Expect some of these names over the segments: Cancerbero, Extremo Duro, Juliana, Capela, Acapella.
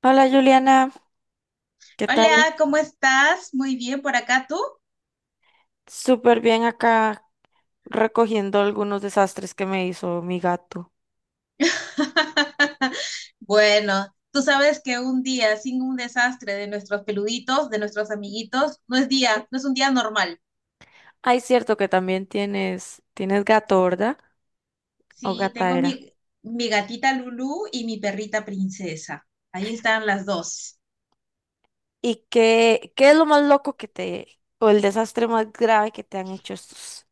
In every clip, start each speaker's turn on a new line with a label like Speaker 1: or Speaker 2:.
Speaker 1: Hola Juliana, ¿qué tal?
Speaker 2: Hola, ¿cómo estás? Muy bien por acá, ¿tú?
Speaker 1: Súper bien acá recogiendo algunos desastres que me hizo mi gato.
Speaker 2: Bueno, tú sabes que un día sin un desastre de nuestros peluditos, de nuestros amiguitos, no es día, no es un día normal.
Speaker 1: Ay, cierto que también tienes gato, ¿verdad? O
Speaker 2: Sí,
Speaker 1: gata
Speaker 2: tengo
Speaker 1: era.
Speaker 2: mi gatita Lulú y mi perrita princesa. Ahí están las dos.
Speaker 1: ¿Y qué es lo más loco que te, o el desastre más grave que te han hecho estos,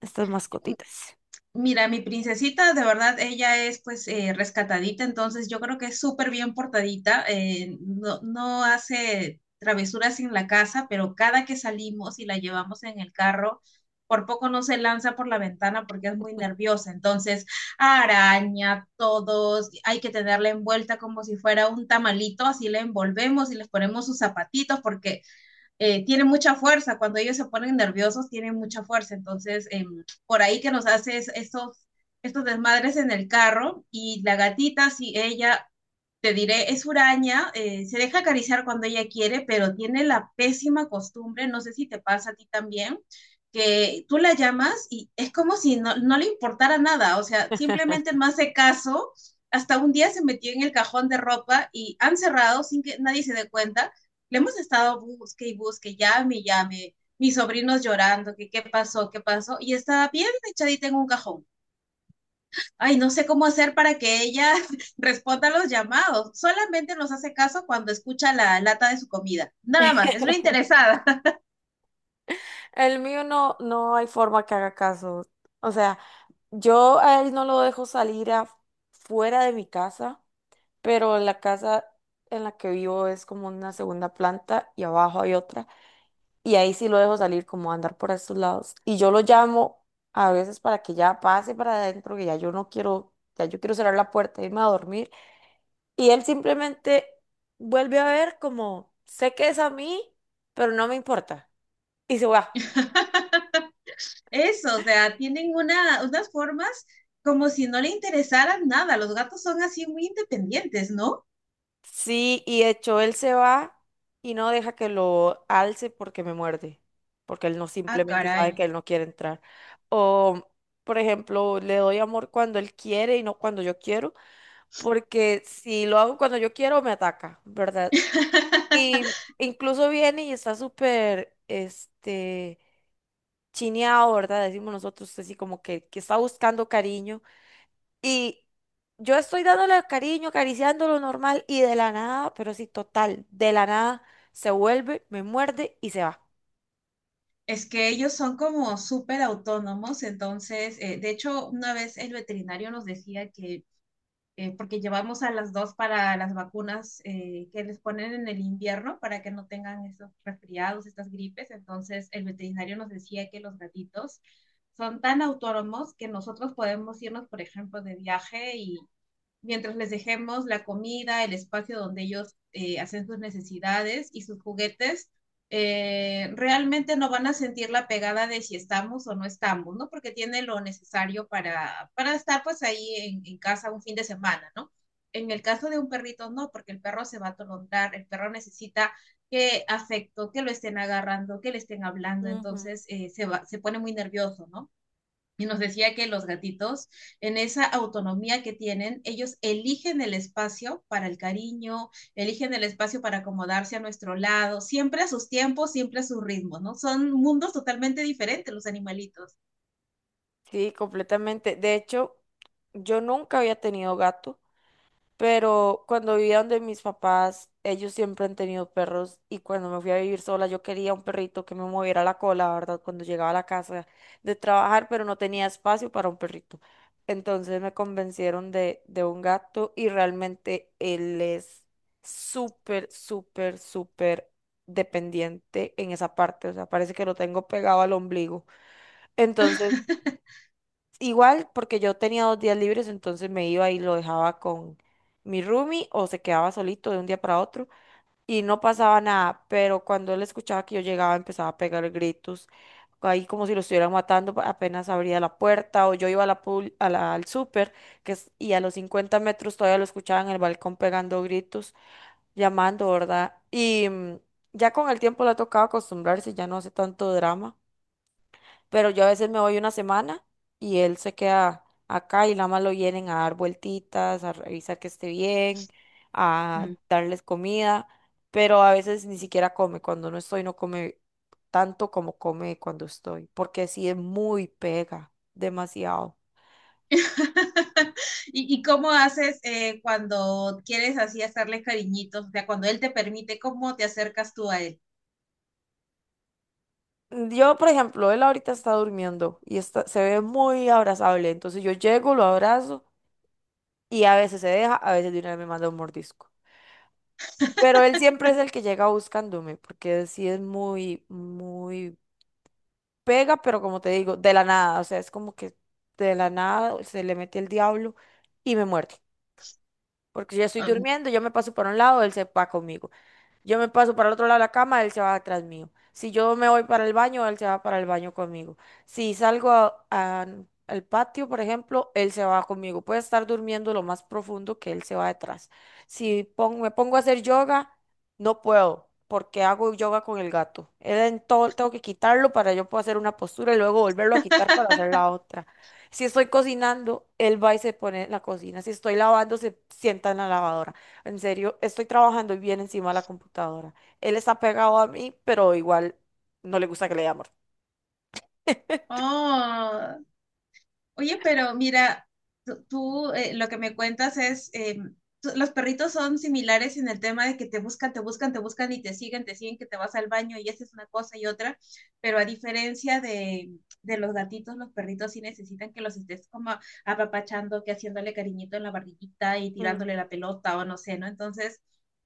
Speaker 1: estas mascotitas?
Speaker 2: Mira, mi princesita, de verdad, ella es pues rescatadita, entonces yo creo que es súper bien portadita, no hace travesuras en la casa, pero cada que salimos y la llevamos en el carro, por poco no se lanza por la ventana porque es muy nerviosa, entonces araña todos, hay que tenerla envuelta como si fuera un tamalito, así la envolvemos y les ponemos sus zapatitos porque tienen mucha fuerza, cuando ellos se ponen nerviosos tienen mucha fuerza, entonces por ahí que nos hace estos desmadres en el carro y la gatita, si ella, te diré, es huraña, se deja acariciar cuando ella quiere, pero tiene la pésima costumbre, no sé si te pasa a ti también, que tú la llamas y es como si no le importara nada, o sea, simplemente no hace caso. Hasta un día se metió en el cajón de ropa y han cerrado sin que nadie se dé cuenta, le hemos estado busque y busque, llame y llame, mis sobrinos llorando, que qué pasó, y está bien echadita en un cajón. Ay, no sé cómo hacer para que ella responda a los llamados. Solamente nos hace caso cuando escucha la lata de su comida. Nada más, es una interesada.
Speaker 1: El mío no hay forma que haga caso. O sea, yo a él no lo dejo salir afuera de mi casa pero la casa en la que vivo es como una segunda planta y abajo hay otra. Y ahí sí lo dejo salir como a andar por estos lados. Y yo lo llamo a veces para que ya pase para adentro, que ya yo no quiero, ya yo quiero cerrar la puerta, e irme a dormir. Y él simplemente vuelve a ver como, sé que es a mí, pero no me importa. Y se va.
Speaker 2: Eso, o sea, tienen unas formas como si no le interesaran nada. Los gatos son así muy independientes, ¿no?
Speaker 1: Sí, y de hecho él se va y no deja que lo alce porque me muerde, porque él no
Speaker 2: Ah,
Speaker 1: simplemente sabe
Speaker 2: caray.
Speaker 1: que él no quiere entrar. O, por ejemplo, le doy amor cuando él quiere y no cuando yo quiero, porque si lo hago cuando yo quiero, me ataca, ¿verdad? Y incluso viene y está súper, chineado, ¿verdad? Decimos nosotros así como que está buscando cariño y yo estoy dándole cariño, acariciándolo normal y de la nada, pero sí, total, de la nada se vuelve, me muerde y se va.
Speaker 2: Es que ellos son como súper autónomos, entonces, de hecho, una vez el veterinario nos decía porque llevamos a las dos para las vacunas que les ponen en el invierno para que no tengan esos resfriados, estas gripes, entonces el veterinario nos decía que los gatitos son tan autónomos que nosotros podemos irnos, por ejemplo, de viaje y mientras les dejemos la comida, el espacio donde ellos hacen sus necesidades y sus juguetes, realmente no van a sentir la pegada de si estamos o no estamos, ¿no? Porque tiene lo necesario para estar pues ahí en casa un fin de semana, ¿no? En el caso de un perrito, no, porque el perro se va a atolondrar, el perro necesita que afecto, que lo estén agarrando, que le estén hablando,
Speaker 1: Ujú.
Speaker 2: entonces va, se pone muy nervioso, ¿no? Y nos decía que los gatitos, en esa autonomía que tienen, ellos eligen el espacio para el cariño, eligen el espacio para acomodarse a nuestro lado, siempre a sus tiempos, siempre a sus ritmos, ¿no? Son mundos totalmente diferentes los animalitos.
Speaker 1: Sí, completamente. De hecho, yo nunca había tenido gato. Pero cuando vivía donde mis papás, ellos siempre han tenido perros y cuando me fui a vivir sola yo quería un perrito que me moviera la cola, ¿verdad? Cuando llegaba a la casa de trabajar, pero no tenía espacio para un perrito. Entonces me convencieron de un gato y realmente él es súper dependiente en esa parte. O sea, parece que lo tengo pegado al ombligo. Entonces... Igual, porque yo tenía 2 días libres, entonces me iba y lo dejaba con mi roomie o se quedaba solito de un día para otro y no pasaba nada, pero cuando él escuchaba que yo llegaba empezaba a pegar gritos, ahí como si lo estuvieran matando, apenas abría la puerta o yo iba a la, al súper y a los 50 metros todavía lo escuchaba en el balcón pegando gritos, llamando, ¿verdad? Ya con el tiempo le ha tocado acostumbrarse, ya no hace tanto drama pero yo a veces me voy una semana y él se queda acá y nada más lo vienen a dar vueltitas, a revisar que esté bien, a
Speaker 2: Mm.
Speaker 1: darles comida, pero a veces ni siquiera come, cuando no estoy no come tanto como come cuando estoy, porque sí es muy pega, demasiado.
Speaker 2: ¿Y cómo haces cuando quieres así hacerle cariñitos? O sea, cuando él te permite, ¿cómo te acercas tú a él?
Speaker 1: Yo, por ejemplo, él ahorita está durmiendo y está, se ve muy abrazable, entonces yo llego, lo abrazo y a veces se deja, a veces de una vez me manda un mordisco. Pero él siempre es el que llega buscándome, porque sí es muy pega, pero como te digo, de la nada, o sea, es como que de la nada se le mete el diablo y me muerde. Porque yo estoy
Speaker 2: Um,
Speaker 1: durmiendo, yo me paso para un lado, él se va conmigo. Yo me paso para el otro lado de la cama, él se va atrás mío. Si yo me voy para el baño, él se va para el baño conmigo. Si salgo al patio, por ejemplo, él se va conmigo. Puede estar durmiendo lo más profundo que él se va detrás. Si me pongo a hacer yoga, no puedo, porque hago yoga con el gato. Él en todo, tengo que quitarlo para yo poder hacer una postura y luego volverlo a quitar para hacer la otra. Si estoy cocinando, él va y se pone en la cocina. Si estoy lavando, se sienta en la lavadora. En serio, estoy trabajando y bien encima de la computadora. Él está pegado a mí, pero igual no le gusta que le dé amor.
Speaker 2: oh, Oye, pero mira, tú, lo que me cuentas es, los perritos son similares en el tema de que te te buscan y te te siguen, que te vas al baño y haces una cosa y otra, pero a diferencia de los gatitos, los perritos sí necesitan que los estés como apapachando, que haciéndole cariñito en la barriguita y tirándole
Speaker 1: Ujú,
Speaker 2: la pelota o no sé, ¿no? Entonces,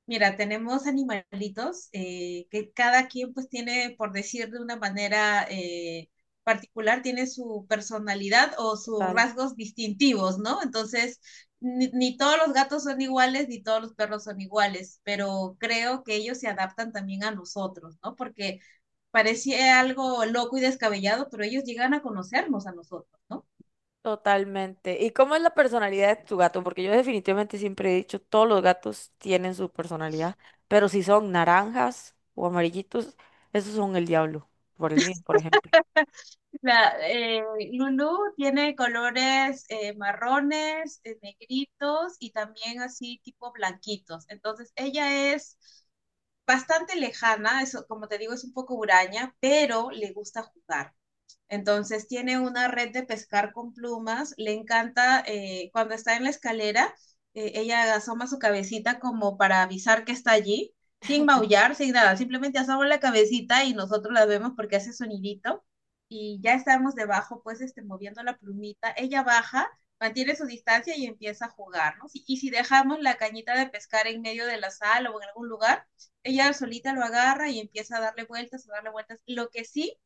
Speaker 2: mira, tenemos animalitos que cada quien pues tiene, por decir de una manera... particular tiene su personalidad o sus
Speaker 1: Total.
Speaker 2: rasgos distintivos, ¿no? Entonces, ni, ni, todos los gatos son iguales, ni todos los perros son iguales, pero creo que ellos se adaptan también a nosotros, ¿no? Porque parecía algo loco y descabellado, pero ellos llegan a conocernos a nosotros, ¿no?
Speaker 1: Totalmente. ¿Y cómo es la personalidad de tu gato? Porque yo definitivamente siempre he dicho, todos los gatos tienen su personalidad, pero si son naranjas o amarillitos, esos son el diablo, por el mío, por ejemplo.
Speaker 2: La, eh, Lulu tiene colores marrones, negritos y también así tipo blanquitos. Entonces, ella es bastante lejana, eso, como te digo, es un poco huraña, pero le gusta jugar. Entonces tiene una red de pescar con plumas, le encanta cuando está en la escalera, ella asoma su cabecita como para avisar que está allí, sin maullar, sin nada, simplemente asoma la cabecita y nosotros la vemos porque hace sonidito y ya estamos debajo, pues este, moviendo la plumita, ella baja, mantiene su distancia y empieza a jugar, ¿no? Si, y si dejamos la cañita de pescar en medio de la sala o en algún lugar, ella solita lo agarra y empieza a darle vueltas, a darle vueltas. Lo que sí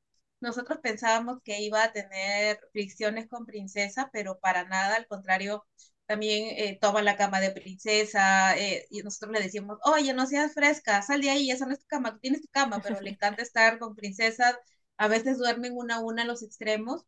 Speaker 2: nosotros pensábamos que iba a tener fricciones con Princesa, pero para nada, al contrario, también toma la cama de Princesa y nosotros le decimos, oye, no seas fresca, sal de ahí, esa no es tu cama, tú tienes tu cama, pero le encanta estar con Princesa, a veces duermen una a una en los extremos,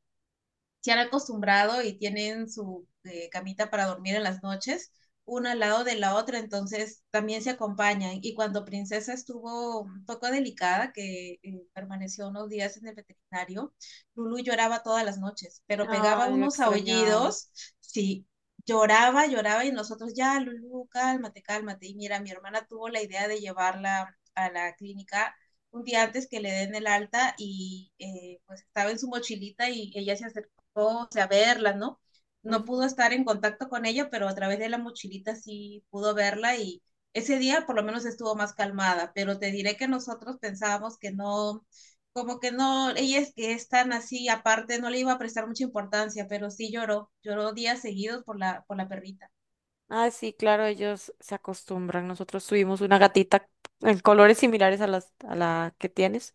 Speaker 2: se han acostumbrado y tienen su camita para dormir en las noches, una al lado de la otra, entonces también se acompañan. Y cuando Princesa estuvo un poco delicada, que permaneció unos días en el veterinario, Lulu lloraba todas las noches, pero pegaba
Speaker 1: Ay, lo
Speaker 2: unos
Speaker 1: extrañaba.
Speaker 2: aullidos, sí, lloraba, lloraba y nosotros ya, Lulu, cálmate, cálmate. Y mira, mi hermana tuvo la idea de llevarla a la clínica un día antes que le den el alta y pues estaba en su mochilita y ella se acercó, o sea, verla, ¿no? No
Speaker 1: Ujú.
Speaker 2: pudo estar en contacto con ella, pero a través de la mochilita sí pudo verla, y ese día por lo menos estuvo más calmada, pero te diré que nosotros pensábamos que no, como que no, ella es que es tan así, aparte no le iba a prestar mucha importancia, pero sí lloró, lloró días seguidos por por la perrita.
Speaker 1: Ah, sí, claro, ellos se acostumbran. Nosotros tuvimos una gatita en colores similares a a la que tienes.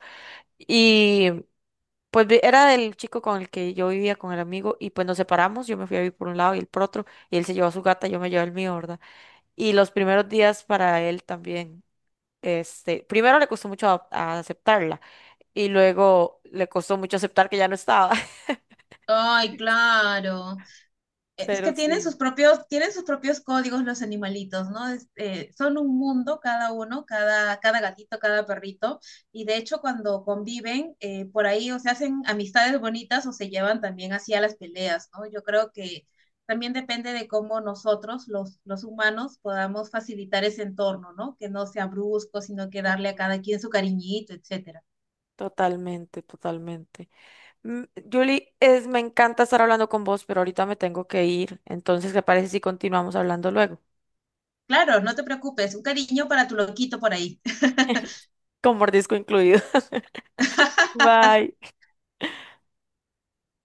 Speaker 1: Era del chico con el que yo vivía, con el amigo, y pues nos separamos, yo me fui a vivir por un lado y él por otro, y él se llevó a su gata, yo me llevé el mío, ¿verdad? Y los primeros días para él también, este, primero le costó mucho adap- a aceptarla, y luego le costó mucho aceptar que ya no estaba,
Speaker 2: Ay, claro. Eh, es que
Speaker 1: pero
Speaker 2: tienen sus
Speaker 1: sí.
Speaker 2: tienen sus propios códigos los animalitos, ¿no? Son un mundo cada uno, cada gatito, cada perrito, y de hecho cuando conviven por ahí o se hacen amistades bonitas o se llevan también hacia las peleas, ¿no? Yo creo que también depende de cómo los humanos, podamos facilitar ese entorno, ¿no? Que no sea brusco, sino que darle a
Speaker 1: Ujú,
Speaker 2: cada quien su cariñito, etcétera.
Speaker 1: totalmente, totalmente. Mm, Julie, es, me encanta estar hablando con vos, pero ahorita me tengo que ir, entonces, ¿qué parece si continuamos hablando luego?
Speaker 2: Claro, no te preocupes, un cariño para tu loquito por ahí.
Speaker 1: Con mordisco incluido. Bye.